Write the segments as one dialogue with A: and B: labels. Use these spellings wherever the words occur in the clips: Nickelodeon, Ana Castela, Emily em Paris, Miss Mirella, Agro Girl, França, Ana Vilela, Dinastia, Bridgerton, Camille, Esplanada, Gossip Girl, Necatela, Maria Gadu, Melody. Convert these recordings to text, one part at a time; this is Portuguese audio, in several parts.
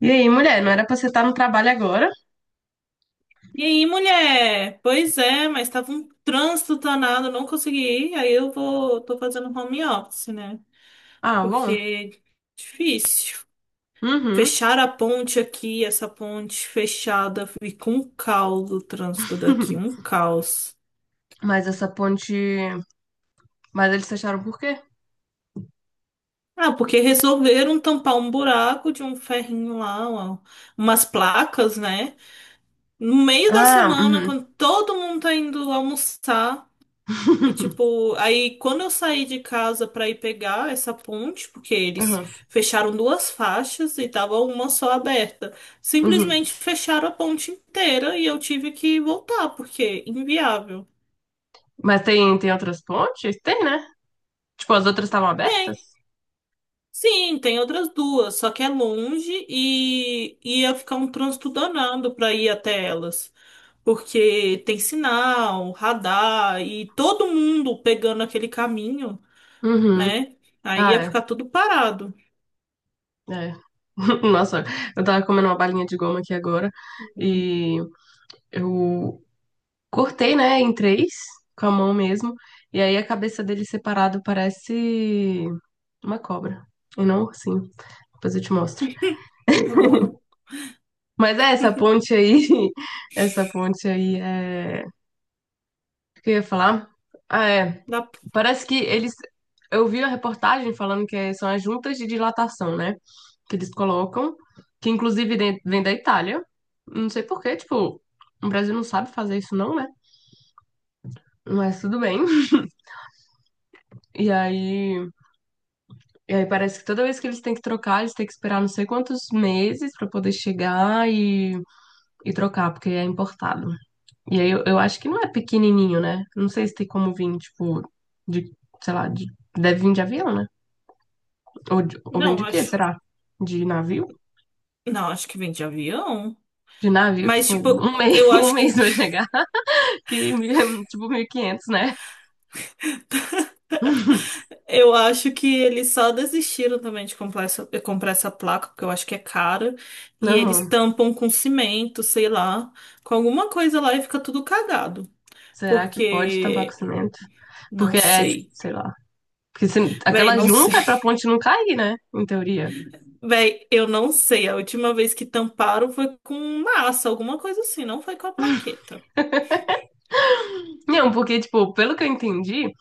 A: E aí, mulher, não era pra você estar no trabalho agora?
B: E aí, mulher? Pois é, mas tava um trânsito danado, não consegui ir. Aí eu vou, tô fazendo home office, né?
A: Ah, bom.
B: Porque difícil.
A: Uhum.
B: Fecharam a ponte aqui, essa ponte fechada, fica um caos o trânsito daqui, um caos.
A: Mas essa ponte. Mas eles fecharam por quê?
B: Ah, porque resolveram tampar um buraco de um ferrinho lá, umas placas, né? No meio da
A: Ah,
B: semana,
A: uhum.
B: quando todo mundo tá indo almoçar. E tipo, aí quando eu saí de casa pra ir pegar essa ponte, porque eles
A: Uhum.
B: fecharam duas faixas e tava uma só aberta,
A: Uhum.
B: simplesmente fecharam a ponte inteira e eu tive que voltar, porque inviável.
A: Mas tem outras pontes? Tem, né? Tipo, as outras estavam
B: Tem,
A: abertas?
B: sim, tem outras duas, só que é longe e ia ficar um trânsito danado pra ir até elas. Porque tem sinal, radar e todo mundo pegando aquele caminho,
A: Uhum.
B: né? Aí
A: Ah,
B: ia
A: é.
B: ficar tudo parado.
A: É. Nossa, eu tava comendo uma balinha de goma aqui agora e eu cortei, né, em três, com a mão mesmo, e aí a cabeça dele separado parece uma cobra. E não, sim. Depois eu te mostro.
B: Tá bom.
A: Mas é, essa ponte aí, essa ponte aí é. O que eu ia falar? Ah, é.
B: Dá-
A: Parece que eles. Eu vi a reportagem falando que são as juntas de dilatação, né? Que eles colocam, que inclusive vem da Itália. Não sei por quê, tipo, o Brasil não sabe fazer isso, não, né? Mas tudo bem. E aí, e aí parece que toda vez que eles têm que trocar, eles têm que esperar não sei quantos meses pra poder chegar e trocar, porque é importado. E aí eu acho que não é pequenininho, né? Não sei se tem como vir, tipo, de, sei lá, de, deve vir de avião, né? Ou vem
B: Não,
A: de quê,
B: acho.
A: será? De navio?
B: Não, acho que vem de avião.
A: De navio,
B: Mas,
A: tipo,
B: tipo,
A: um mês,
B: eu
A: um
B: acho
A: mês
B: que.
A: vai chegar, que tipo mil e quinhentos, né?
B: Eu acho que eles só desistiram também de comprar essa placa, porque eu acho que é cara. E eles
A: Não,
B: tampam com cimento, sei lá, com alguma coisa lá e fica tudo cagado.
A: será que pode tampar com
B: Porque.
A: cimento?
B: Não
A: Porque é, tipo,
B: sei.
A: sei lá. Porque
B: Véi,
A: aquela
B: não sei.
A: junta é pra ponte não cair, né? Em teoria.
B: Véi, eu não sei. A última vez que tamparam foi com massa, alguma coisa assim, não foi com a plaqueta.
A: Não, porque, tipo, pelo que eu entendi,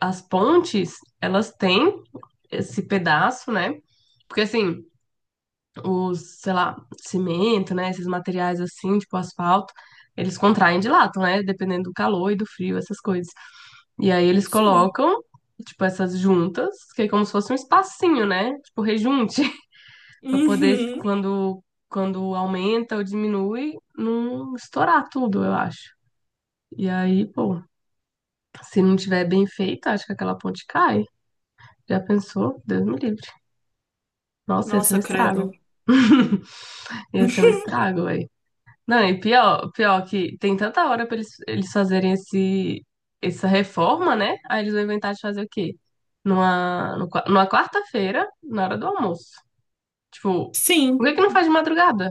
A: as pontes, elas têm esse pedaço, né? Porque assim. Os, sei lá, cimento, né? Esses materiais assim, tipo asfalto, eles contraem e dilatam, né? Dependendo do calor e do frio, essas coisas. E aí eles
B: Sim.
A: colocam, tipo, essas juntas, que é como se fosse um espacinho, né? Tipo, rejunte, pra poder,
B: Uhum.
A: quando aumenta ou diminui, não estourar tudo, eu acho. E aí, pô, se não tiver bem feita, acho que aquela ponte cai. Já pensou? Deus me livre. Nossa, ia ser um
B: Nossa,
A: estrago.
B: credo.
A: Ia ser um estrago, velho. Não, e pior, que tem tanta hora pra eles fazerem esse, essa reforma, né? Aí eles vão inventar de fazer o quê? Numa, no qua- numa quarta-feira, na hora do almoço. Tipo, por
B: Sim.
A: que que não faz de madrugada?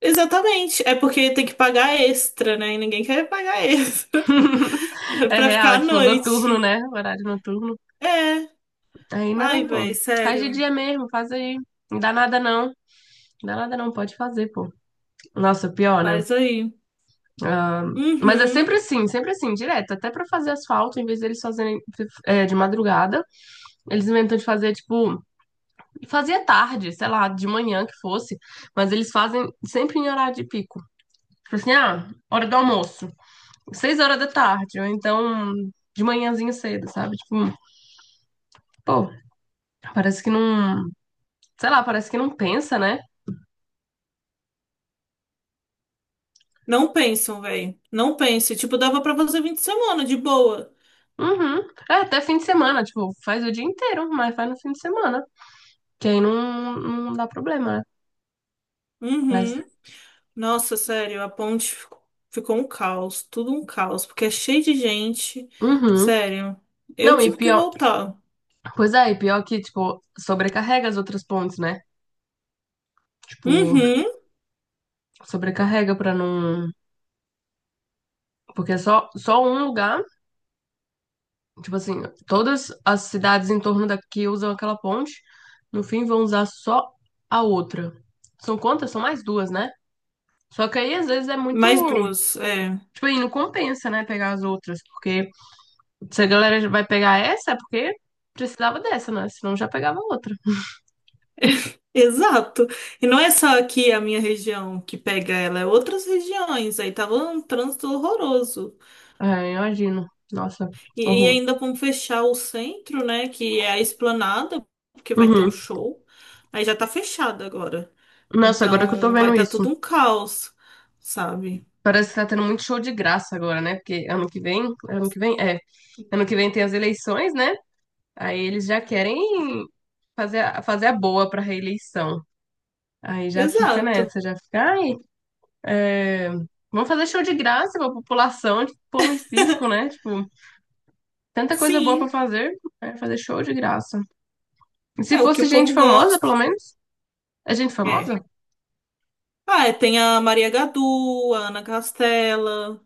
B: Exatamente. É porque tem que pagar extra, né? E ninguém quer pagar extra
A: É
B: pra
A: real,
B: ficar
A: é
B: à
A: tipo, noturno,
B: noite.
A: né? Horário noturno.
B: É.
A: Aí
B: Ai,
A: não, pô.
B: véi,
A: Faz de
B: sério.
A: dia mesmo, faz aí. Não dá nada não. Não dá nada não, pode fazer, pô. Nossa, pior, né?
B: Faz aí.
A: Ah, mas é
B: Uhum.
A: sempre assim, direto. Até pra fazer asfalto, em vez deles fazerem de madrugada. Eles inventam de fazer, tipo, fazia tarde, sei lá, de manhã que fosse, mas eles fazem sempre em horário de pico. Tipo assim, ah, hora do almoço, seis horas da tarde, ou então de manhãzinho cedo, sabe? Tipo, pô, parece que não, sei lá, parece que não pensa, né?
B: Não pensam, véi. Não pense. Tipo, dava pra fazer 20 semanas de boa.
A: Uhum. É, até fim de semana, tipo, faz o dia inteiro, mas faz no fim de semana, que aí não dá problema, né? Mas,
B: Uhum. Nossa, sério, a ponte ficou um caos. Tudo um caos. Porque é cheio de gente.
A: uhum.
B: Sério. Eu
A: Não, e
B: tive que
A: pior,
B: voltar.
A: pois é, e pior que, tipo, sobrecarrega as outras pontes, né? Tipo,
B: Uhum.
A: sobrecarrega pra não. Porque é só um lugar, tipo assim, todas as cidades em torno daqui usam aquela ponte, no fim vão usar só a outra. São quantas? São mais duas, né? Só que aí às vezes é muito.
B: Mais duas. É.
A: Tipo aí, não compensa, né? Pegar as outras. Porque se a galera vai pegar essa, é porque precisava dessa, né? Senão já pegava outra.
B: Exato. E não é só aqui a minha região que pega ela, é outras regiões. Aí tava um trânsito horroroso.
A: É, imagino. Nossa,
B: E
A: horror.
B: ainda vamos fechar o centro, né? Que é a Esplanada, porque vai ter um
A: Uhum.
B: show. Aí já tá fechado agora.
A: Nossa, agora que eu tô
B: Então vai
A: vendo
B: estar tá tudo
A: isso.
B: um caos, sabe?
A: Parece que tá tendo muito show de graça agora, né? Porque ano que vem, é, ano que vem tem as eleições, né? Aí eles já querem fazer a boa pra reeleição. Aí já fica
B: Exato.
A: nessa, já fica, ai, é, vamos fazer show de graça pra população, tipo, pão e circo, né? Tipo, tanta coisa boa pra
B: Sim,
A: fazer, é fazer show de graça. E se
B: é o que
A: fosse
B: o
A: gente
B: povo
A: famosa,
B: gosta.
A: pelo menos? É gente
B: É.
A: famosa?
B: Ah, é, tem a Maria Gadu, a Ana Castela,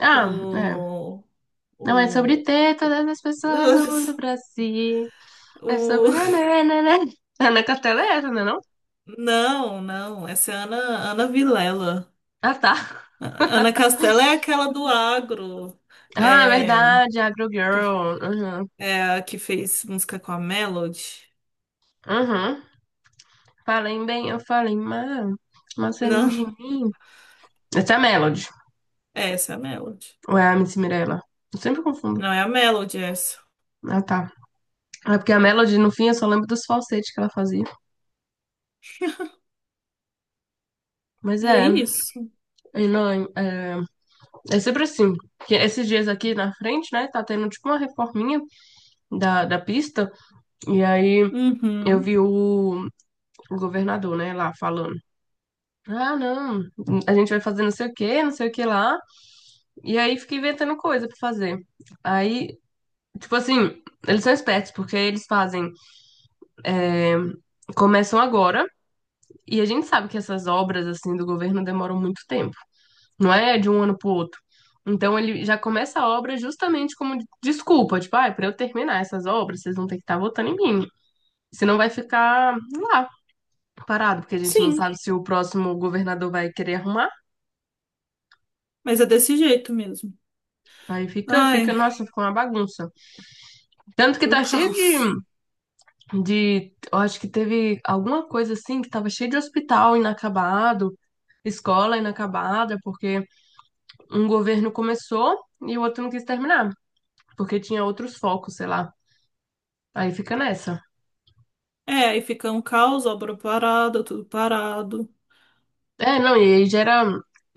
A: Ah, é.
B: o,
A: Não é sobre
B: o...
A: teta das pessoas do mundo pra si. É sobre.
B: O...
A: Nananana. A Necatela é essa, não é não?
B: Não, não, essa é a Ana, Ana Vilela.
A: Ah, tá.
B: A- Ana Castela é aquela do agro,
A: Ah, é
B: é,
A: verdade, Agro
B: que,
A: Girl. Uhum.
B: é a que fez música com a Melody.
A: Uhum. Falei bem, eu falei mal. Mas é lindo
B: Não,
A: de mim. Essa é a Melody.
B: é essa é a Melody.
A: Ou é a Miss Mirella? Eu sempre confundo.
B: Não é a Melody essa.
A: Ah, tá. É porque a Melody, no fim, eu só lembro dos falsetes que ela fazia. Mas
B: É
A: é,
B: isso.
A: e não, é, é sempre assim. Que esses dias aqui na frente, né, tá tendo tipo uma reforminha da pista. E aí eu
B: Uhum.
A: vi o governador, né, lá falando. Ah, não, a gente vai fazer não sei o que, não sei o que lá. E aí fica inventando coisa pra fazer. Aí, tipo assim, eles são espertos, porque eles fazem. é, começam agora, e a gente sabe que essas obras, assim, do governo demoram muito tempo. Não é de um ano pro outro. Então ele já começa a obra justamente como desculpa, tipo, ah, para eu terminar essas obras, vocês vão ter que estar votando em mim. Senão vai ficar lá, parado, porque a gente não
B: Sim,
A: sabe se o próximo governador vai querer arrumar.
B: mas é desse jeito mesmo.
A: Aí fica,
B: Ai,
A: nossa, fica uma bagunça. Tanto que tá
B: um
A: cheio de,
B: caos.
A: de. Eu acho que teve alguma coisa assim que tava cheio de hospital inacabado, escola inacabada, porque um governo começou e o outro não quis terminar, porque tinha outros focos, sei lá. Aí fica nessa.
B: É, aí fica um caos, obra parada, tudo parado.
A: É, não, e aí gera,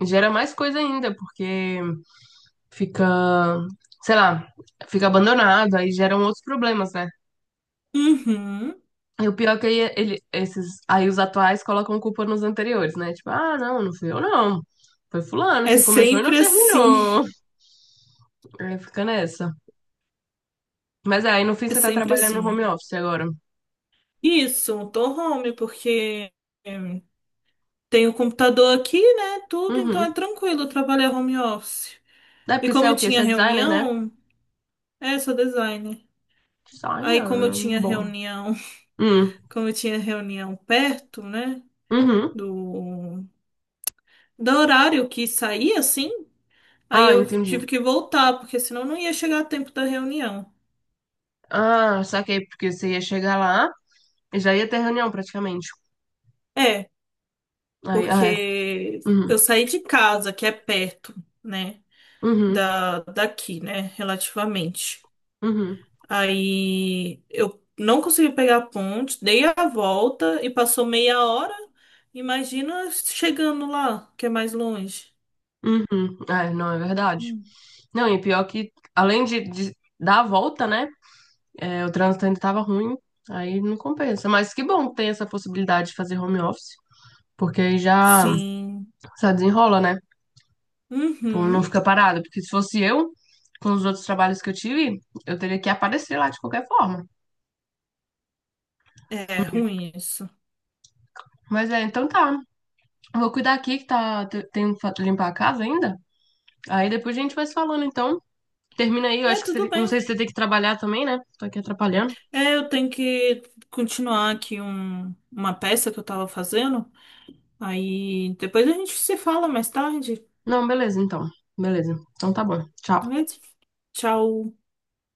A: gera mais coisa ainda, porque fica, sei lá, fica abandonado, aí geram outros problemas, né?
B: Uhum.
A: E o pior é que aí os atuais colocam culpa nos anteriores, né? Tipo, ah, não, não fui eu, não. Foi fulano
B: É
A: que começou e não
B: sempre assim.
A: terminou. Aí fica nessa. Mas é, aí, no fim,
B: É
A: você tá
B: sempre
A: trabalhando no
B: assim.
A: home office agora.
B: Isso, um home, porque tenho o computador aqui, né? Tudo, então é
A: Uhum.
B: tranquilo trabalhar home office.
A: É
B: E
A: porque você
B: como
A: é
B: eu
A: o quê?
B: tinha
A: Você é designer, né?
B: reunião, é, sou designer. Aí como eu
A: Designer.
B: tinha
A: Bom.
B: reunião,
A: Hum.
B: como eu tinha reunião perto, né?
A: Uhum.
B: Do, do horário que saía, assim, aí
A: Ah,
B: eu
A: entendi.
B: tive que voltar, porque senão não ia chegar a tempo da reunião.
A: Ah, saquei, porque você ia chegar lá e já ia ter reunião praticamente.
B: É,
A: Aí, ah, é.
B: porque
A: Uhum.
B: eu saí de casa, que é perto, né?
A: Uhum.
B: Daqui, né? Relativamente.
A: Uhum.
B: Aí eu não consegui pegar a ponte, dei a volta e passou meia hora. Imagina chegando lá, que é mais longe.
A: Uhum. É, não, é verdade.
B: Hum.
A: Não, e pior que, além de dar a volta, né? É, o trânsito ainda tava ruim, aí não compensa. Mas que bom que tem essa possibilidade de fazer home office, porque aí já,
B: Sim.
A: já desenrola, né? Tipo, não
B: Uhum.
A: fica parado. Porque se fosse eu, com os outros trabalhos que eu tive, eu teria que aparecer lá de qualquer forma.
B: É ruim isso.
A: Mas é, então tá. Vou cuidar aqui que tá, tem que limpar a casa ainda. Aí depois a gente vai se falando, então. Termina aí, eu
B: É,
A: acho que
B: tudo
A: você, não
B: bem.
A: sei se você tem que trabalhar também, né? Tô aqui atrapalhando.
B: É, eu tenho que continuar aqui uma peça que eu tava fazendo. Aí depois a gente se fala mais tarde.
A: Não, beleza, então. Beleza. Então tá bom. Tchau.
B: Beleza? Tchau.